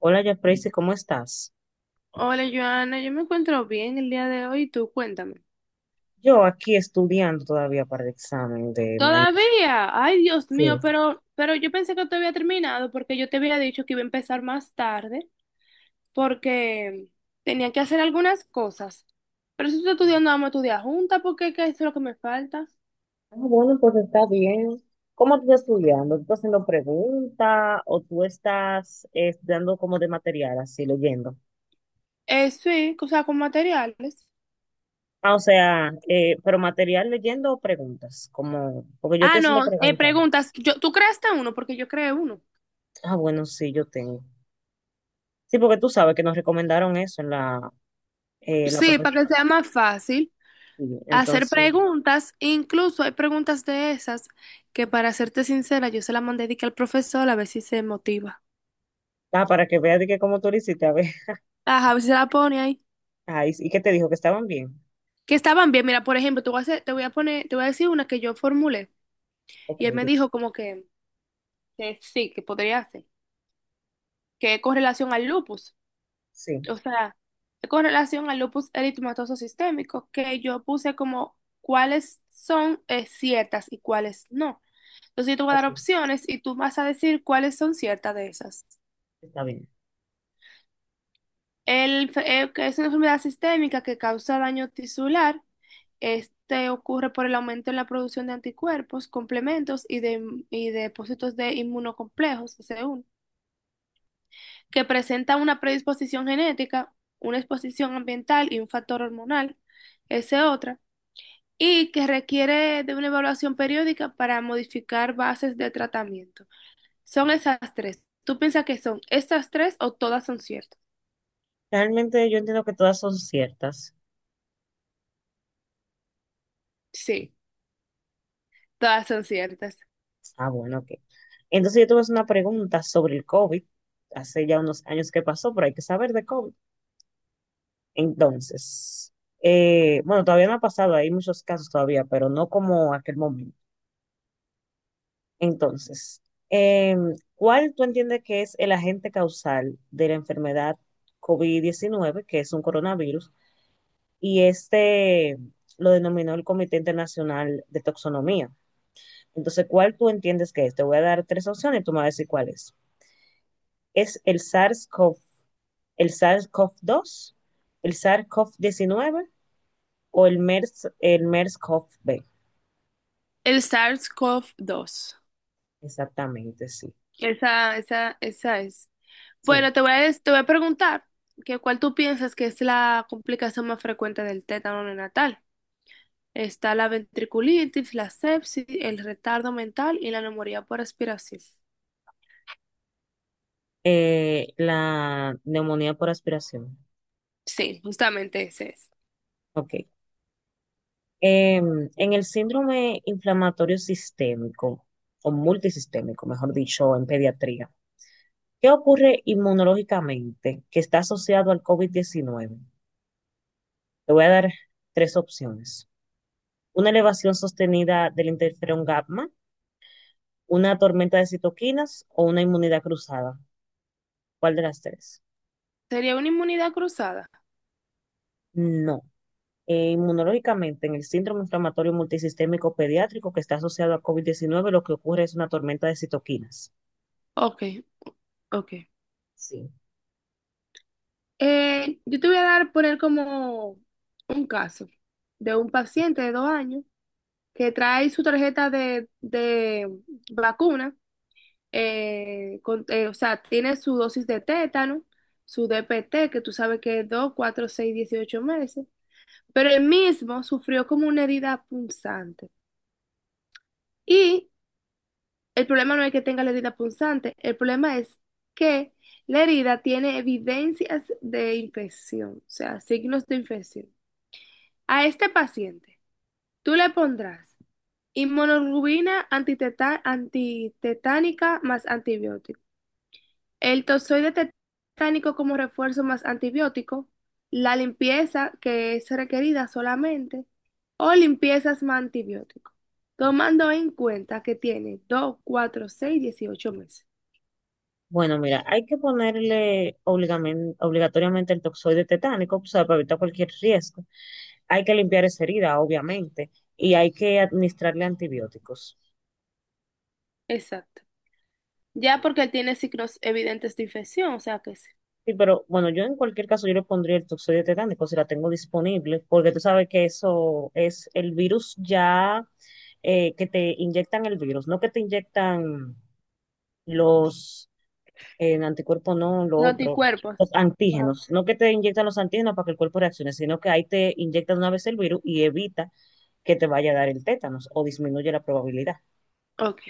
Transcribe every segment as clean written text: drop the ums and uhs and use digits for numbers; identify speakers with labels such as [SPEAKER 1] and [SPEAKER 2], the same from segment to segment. [SPEAKER 1] Hola, ya, ¿cómo estás?
[SPEAKER 2] Hola, Joana, yo me encuentro bien el día de hoy, tú cuéntame.
[SPEAKER 1] Yo aquí estudiando todavía para el examen de mañana.
[SPEAKER 2] Todavía, ay Dios
[SPEAKER 1] Sí.
[SPEAKER 2] mío, pero yo pensé que te había terminado porque yo te había dicho que iba a empezar más tarde porque tenía que hacer algunas cosas. Pero si estoy
[SPEAKER 1] Sí.
[SPEAKER 2] estudiando, vamos a estudiar juntas porque ¿qué es lo que me falta?
[SPEAKER 1] Ah, bueno, pues está bien. ¿Cómo tú estás estudiando? ¿Tú estás haciendo preguntas o tú estás estudiando como de material, así leyendo?
[SPEAKER 2] Sí, o sea, con materiales.
[SPEAKER 1] Ah, o sea, pero material leyendo o preguntas, como, porque yo
[SPEAKER 2] Ah,
[SPEAKER 1] estoy haciendo
[SPEAKER 2] no,
[SPEAKER 1] preguntas.
[SPEAKER 2] preguntas, yo, ¿tú creaste uno? Porque yo creé uno.
[SPEAKER 1] Ah, bueno, sí, yo tengo. Sí, porque tú sabes que nos recomendaron eso en la
[SPEAKER 2] Sí, para que
[SPEAKER 1] profesora.
[SPEAKER 2] sea más fácil.
[SPEAKER 1] Sí,
[SPEAKER 2] Hacer
[SPEAKER 1] entonces,
[SPEAKER 2] preguntas, incluso hay preguntas de esas que para serte sincera, yo se las mandé de que al profesor a ver si se motiva.
[SPEAKER 1] ah, para que veas de que cómo tú lo hiciste, a ver.
[SPEAKER 2] Ajá, a ver si se la pone ahí.
[SPEAKER 1] Ah, y que te dijo que estaban bien.
[SPEAKER 2] Que estaban bien, mira, por ejemplo, te voy a decir una que yo formulé
[SPEAKER 1] Ok,
[SPEAKER 2] y él me
[SPEAKER 1] di-
[SPEAKER 2] dijo como que sí, que podría hacer, que es con relación al lupus,
[SPEAKER 1] sí,
[SPEAKER 2] o sea, con relación al lupus eritematoso sistémico, que yo puse como cuáles son ciertas y cuáles no. Entonces yo te voy a dar
[SPEAKER 1] ok,
[SPEAKER 2] opciones y tú vas a decir cuáles son ciertas de esas.
[SPEAKER 1] está bien.
[SPEAKER 2] Que es una enfermedad sistémica que causa daño tisular. Este ocurre por el aumento en la producción de anticuerpos, complementos y y depósitos de inmunocomplejos, SE1, que presenta una predisposición genética, una exposición ambiental y un factor hormonal, ese otra, y que requiere de una evaluación periódica para modificar bases de tratamiento. Son esas tres. ¿Tú piensas que son estas tres o todas son ciertas?
[SPEAKER 1] Realmente yo entiendo que todas son ciertas.
[SPEAKER 2] Sí, todas son ciertas.
[SPEAKER 1] Ah, bueno, ok. Entonces yo tuve una pregunta sobre el COVID. Hace ya unos años que pasó, pero hay que saber de COVID. Entonces, bueno, todavía no ha pasado, hay muchos casos todavía, pero no como aquel momento. Entonces, eh, ¿cuál tú entiendes que es el agente causal de la enfermedad covid diecinueve, que es un coronavirus? Y este lo denominó el Comité Internacional de Toxonomía. Entonces, ¿cuál tú entiendes que es? Te voy a dar tres opciones y tú me vas a decir cuál es. ¿Es el SARS-CoV, el SARS-CoV-2, el SARS-CoV-19 o el MERS, el MERS-CoV-B?
[SPEAKER 2] El SARS-CoV-2.
[SPEAKER 1] Exactamente, sí.
[SPEAKER 2] Esa, esa, esa es.
[SPEAKER 1] Sí.
[SPEAKER 2] Bueno, te voy a preguntar que cuál tú piensas que es la complicación más frecuente del tétano neonatal. Está la ventriculitis, la sepsis, el retardo mental y la neumonía por aspiración.
[SPEAKER 1] La neumonía por aspiración.
[SPEAKER 2] Sí, justamente ese es.
[SPEAKER 1] Ok. Em, en el síndrome inflamatorio sistémico o multisistémico, mejor dicho, en pediatría, ¿qué ocurre inmunológicamente que está asociado al COVID-19? Te voy a dar tres opciones. Una elevación sostenida del interferón gamma, una tormenta de citoquinas o una inmunidad cruzada. ¿Cuál de las tres?
[SPEAKER 2] ¿Sería una inmunidad cruzada?
[SPEAKER 1] No. Inmunológicamente, en el síndrome inflamatorio multisistémico pediátrico que está asociado a covid diecinueve, lo que ocurre es una tormenta de citoquinas.
[SPEAKER 2] Ok, ok.
[SPEAKER 1] Sí.
[SPEAKER 2] Yo te voy a poner como un caso de un paciente de 2 años que trae su tarjeta de vacuna, o sea, tiene su dosis de tétano, su DPT, que tú sabes que es 2, 4, 6, 18 meses, pero él mismo sufrió como una herida punzante. Y el problema no es que tenga la herida punzante, el problema es que la herida tiene evidencias de infección, o sea, signos de infección. A este paciente, tú le pondrás inmunoglobulina antitetánica más antibiótico. El tozoide tetánico como refuerzo más antibiótico, la limpieza que es requerida solamente, o limpiezas más antibiótico, tomando en cuenta que tiene 2 4 6 18 meses.
[SPEAKER 1] Bueno, mira, hay que ponerle obligamen- obligatoriamente el toxoide tetánico, o sea, para evitar cualquier riesgo. Hay que limpiar esa herida, obviamente, y hay que administrarle antibióticos.
[SPEAKER 2] Exacto. Ya porque él tiene signos evidentes de infección, o sea que sí.
[SPEAKER 1] Sí, pero bueno, yo en cualquier caso yo le pondría el toxoide tetánico si la tengo disponible, porque tú sabes que eso es el virus ya, que te inyectan el virus, no que te inyectan los anticuerpos, no lo
[SPEAKER 2] Los
[SPEAKER 1] otro,
[SPEAKER 2] anticuerpos.
[SPEAKER 1] los
[SPEAKER 2] Ajá.
[SPEAKER 1] antígenos, no que te inyectan los antígenos para que el cuerpo reaccione, sino que ahí te inyectan una vez el virus y evita que te vaya a dar el tétanos o disminuye la probabilidad.
[SPEAKER 2] Ok.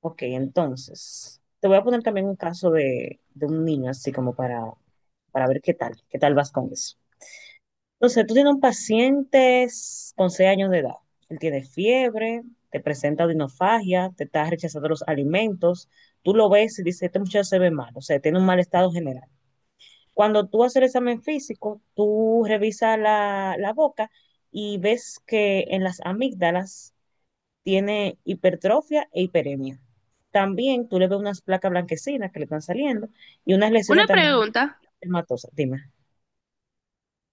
[SPEAKER 1] Ok, entonces, te voy a poner también un caso de un niño así como para ver qué tal vas con eso. Entonces, tú tienes un paciente con 6 años de edad. Él tiene fiebre, te presenta odinofagia, te está rechazando los alimentos. Tú lo ves y dices, este muchacho se ve mal, o sea, tiene un mal estado general. Cuando tú haces el examen físico, tú revisas la boca y ves que en las amígdalas tiene hipertrofia e hiperemia. También tú le ves unas placas blanquecinas que le están saliendo y unas
[SPEAKER 2] Una
[SPEAKER 1] lesiones también
[SPEAKER 2] pregunta.
[SPEAKER 1] hematosas. Dime,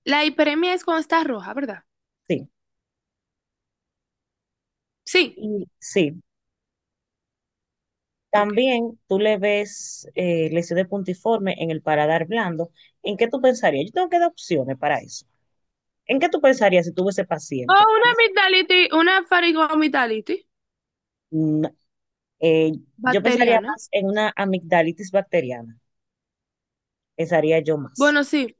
[SPEAKER 2] La hiperemia es cuando está roja, ¿verdad?
[SPEAKER 1] sí.
[SPEAKER 2] Sí.
[SPEAKER 1] Y sí,
[SPEAKER 2] Ok.
[SPEAKER 1] también tú le ves lesión de puntiforme en el paladar blando. ¿En qué tú pensarías? Yo tengo que dar opciones para eso. ¿En qué tú pensarías si tuve ese
[SPEAKER 2] O
[SPEAKER 1] paciente con
[SPEAKER 2] una
[SPEAKER 1] esa-?
[SPEAKER 2] amigdalitis, una faringoamigdalitis
[SPEAKER 1] Mm, eh, yo pensaría
[SPEAKER 2] bacteriana.
[SPEAKER 1] más en una amigdalitis bacteriana. Pensaría yo más.
[SPEAKER 2] Bueno, sí.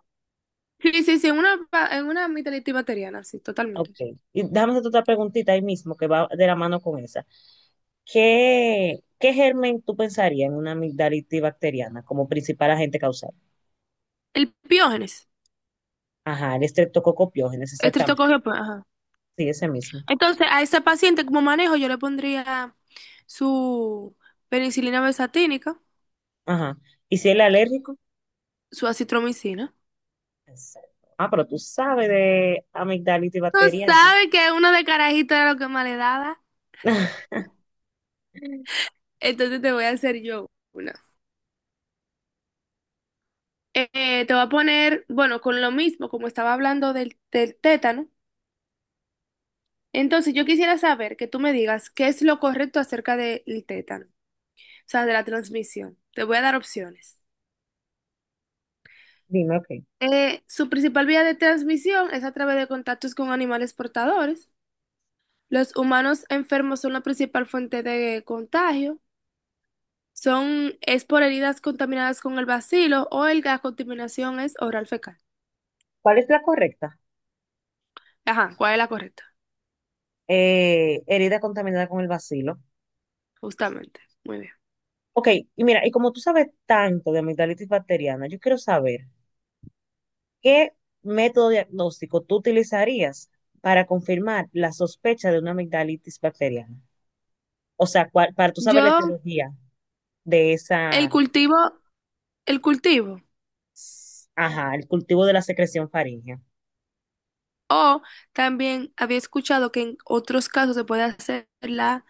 [SPEAKER 2] Sí, sí, sí, en en una amígdala antibacteriana, sí,
[SPEAKER 1] Ok.
[SPEAKER 2] totalmente.
[SPEAKER 1] Y déjame hacerte otra preguntita ahí mismo que va de la mano con esa. Qué germen tú pensarías en una amigdalitis bacteriana como principal agente causal?
[SPEAKER 2] El piógenes,
[SPEAKER 1] Ajá, el estreptococo piógenes, exactamente.
[SPEAKER 2] estreptococcio, pues, ajá.
[SPEAKER 1] Sí, ese mismo.
[SPEAKER 2] Entonces, a ese paciente como manejo yo le pondría su penicilina besatínica,
[SPEAKER 1] Ajá. ¿Y si él es alérgico?
[SPEAKER 2] su acitromicina.
[SPEAKER 1] Exacto. Ah, pero tú sabes de amigdalitis
[SPEAKER 2] Tú
[SPEAKER 1] bacteriana.
[SPEAKER 2] sabes que una de carajito era lo que más le daba, entonces te voy a hacer yo una. Te voy a poner, bueno, con lo mismo, como estaba hablando del tétano, entonces yo quisiera saber que tú me digas qué es lo correcto acerca del tétano, o sea, de la transmisión. Te voy a dar opciones.
[SPEAKER 1] Dime, ok.
[SPEAKER 2] Su principal vía de transmisión es a través de contactos con animales portadores. Los humanos enfermos son la principal fuente de contagio. Son, es por heridas contaminadas con el bacilo o la contaminación es oral fecal.
[SPEAKER 1] ¿Cuál es la correcta?
[SPEAKER 2] Ajá, ¿cuál es la correcta?
[SPEAKER 1] Herida contaminada con el bacilo.
[SPEAKER 2] Justamente. Muy bien.
[SPEAKER 1] Ok, y mira, y como tú sabes tanto de amigdalitis bacteriana, yo quiero saber qué método diagnóstico tú utilizarías para confirmar la sospecha de una amigdalitis bacteriana. O sea, cuál- para tú saber la
[SPEAKER 2] Yo,
[SPEAKER 1] etiología de
[SPEAKER 2] el
[SPEAKER 1] esa,
[SPEAKER 2] cultivo, el cultivo.
[SPEAKER 1] ajá, el cultivo de la secreción faríngea.
[SPEAKER 2] O también había escuchado que en otros casos se puede hacer la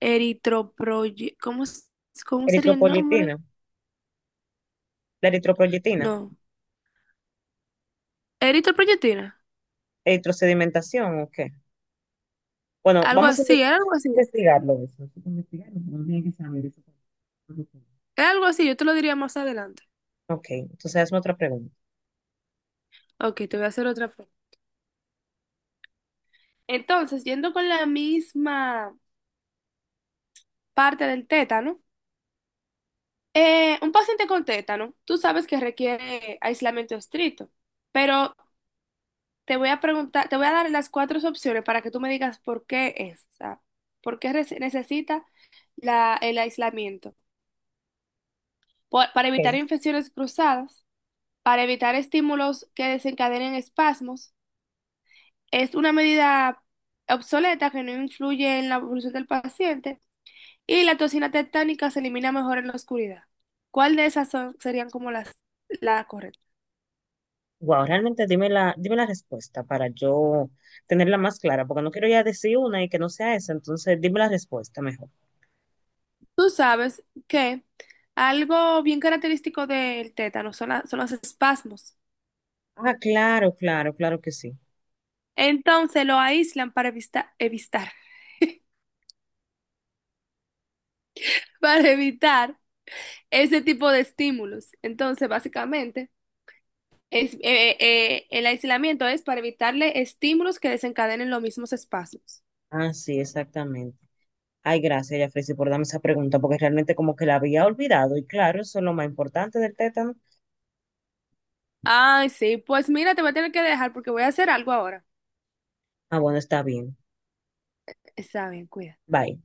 [SPEAKER 2] eritroproye, ¿cómo, cómo sería el nombre?
[SPEAKER 1] Eritropoyetina, la eritropoyetina,
[SPEAKER 2] No. Eritroproyectina.
[SPEAKER 1] eritrosedimentación, ok. Bueno,
[SPEAKER 2] Algo
[SPEAKER 1] vamos a
[SPEAKER 2] así,
[SPEAKER 1] inves-
[SPEAKER 2] era algo así.
[SPEAKER 1] investigarlo eso. Hay que investigarlo. Uno tiene que saber eso.
[SPEAKER 2] Era algo así, yo te lo diría más adelante.
[SPEAKER 1] Ok, entonces hazme otra pregunta.
[SPEAKER 2] Ok, te voy a hacer otra pregunta. Entonces, yendo con la misma parte del tétano, un paciente con tétano, tú sabes que requiere aislamiento estricto, pero te voy a preguntar, te voy a dar las cuatro opciones para que tú me digas por qué es, o sea, por qué necesita el aislamiento. Para evitar
[SPEAKER 1] Ok.
[SPEAKER 2] infecciones cruzadas, para evitar estímulos que desencadenen espasmos. Es una medida obsoleta que no influye en la evolución del paciente y la toxina tetánica se elimina mejor en la oscuridad. ¿Cuál de esas serían como las la correcta?
[SPEAKER 1] Wow, realmente dime dime la respuesta para yo tenerla más clara, porque no quiero ya decir una y que no sea esa, entonces dime la respuesta mejor.
[SPEAKER 2] Tú sabes que algo bien característico del tétano son los espasmos.
[SPEAKER 1] Ah, claro, claro, claro que sí.
[SPEAKER 2] Entonces lo aíslan para para evitar ese tipo de estímulos. Entonces, básicamente, el aislamiento es para evitarle estímulos que desencadenen los mismos espasmos.
[SPEAKER 1] Ah, sí, exactamente. Ay, gracias, Yafresi, por darme esa pregunta, porque realmente como que la había olvidado, y claro, eso es lo más importante del tétano.
[SPEAKER 2] Ay, sí, pues mira, te voy a tener que dejar porque voy a hacer algo ahora.
[SPEAKER 1] Ah, bueno, está bien.
[SPEAKER 2] Está bien, cuida.
[SPEAKER 1] Bye.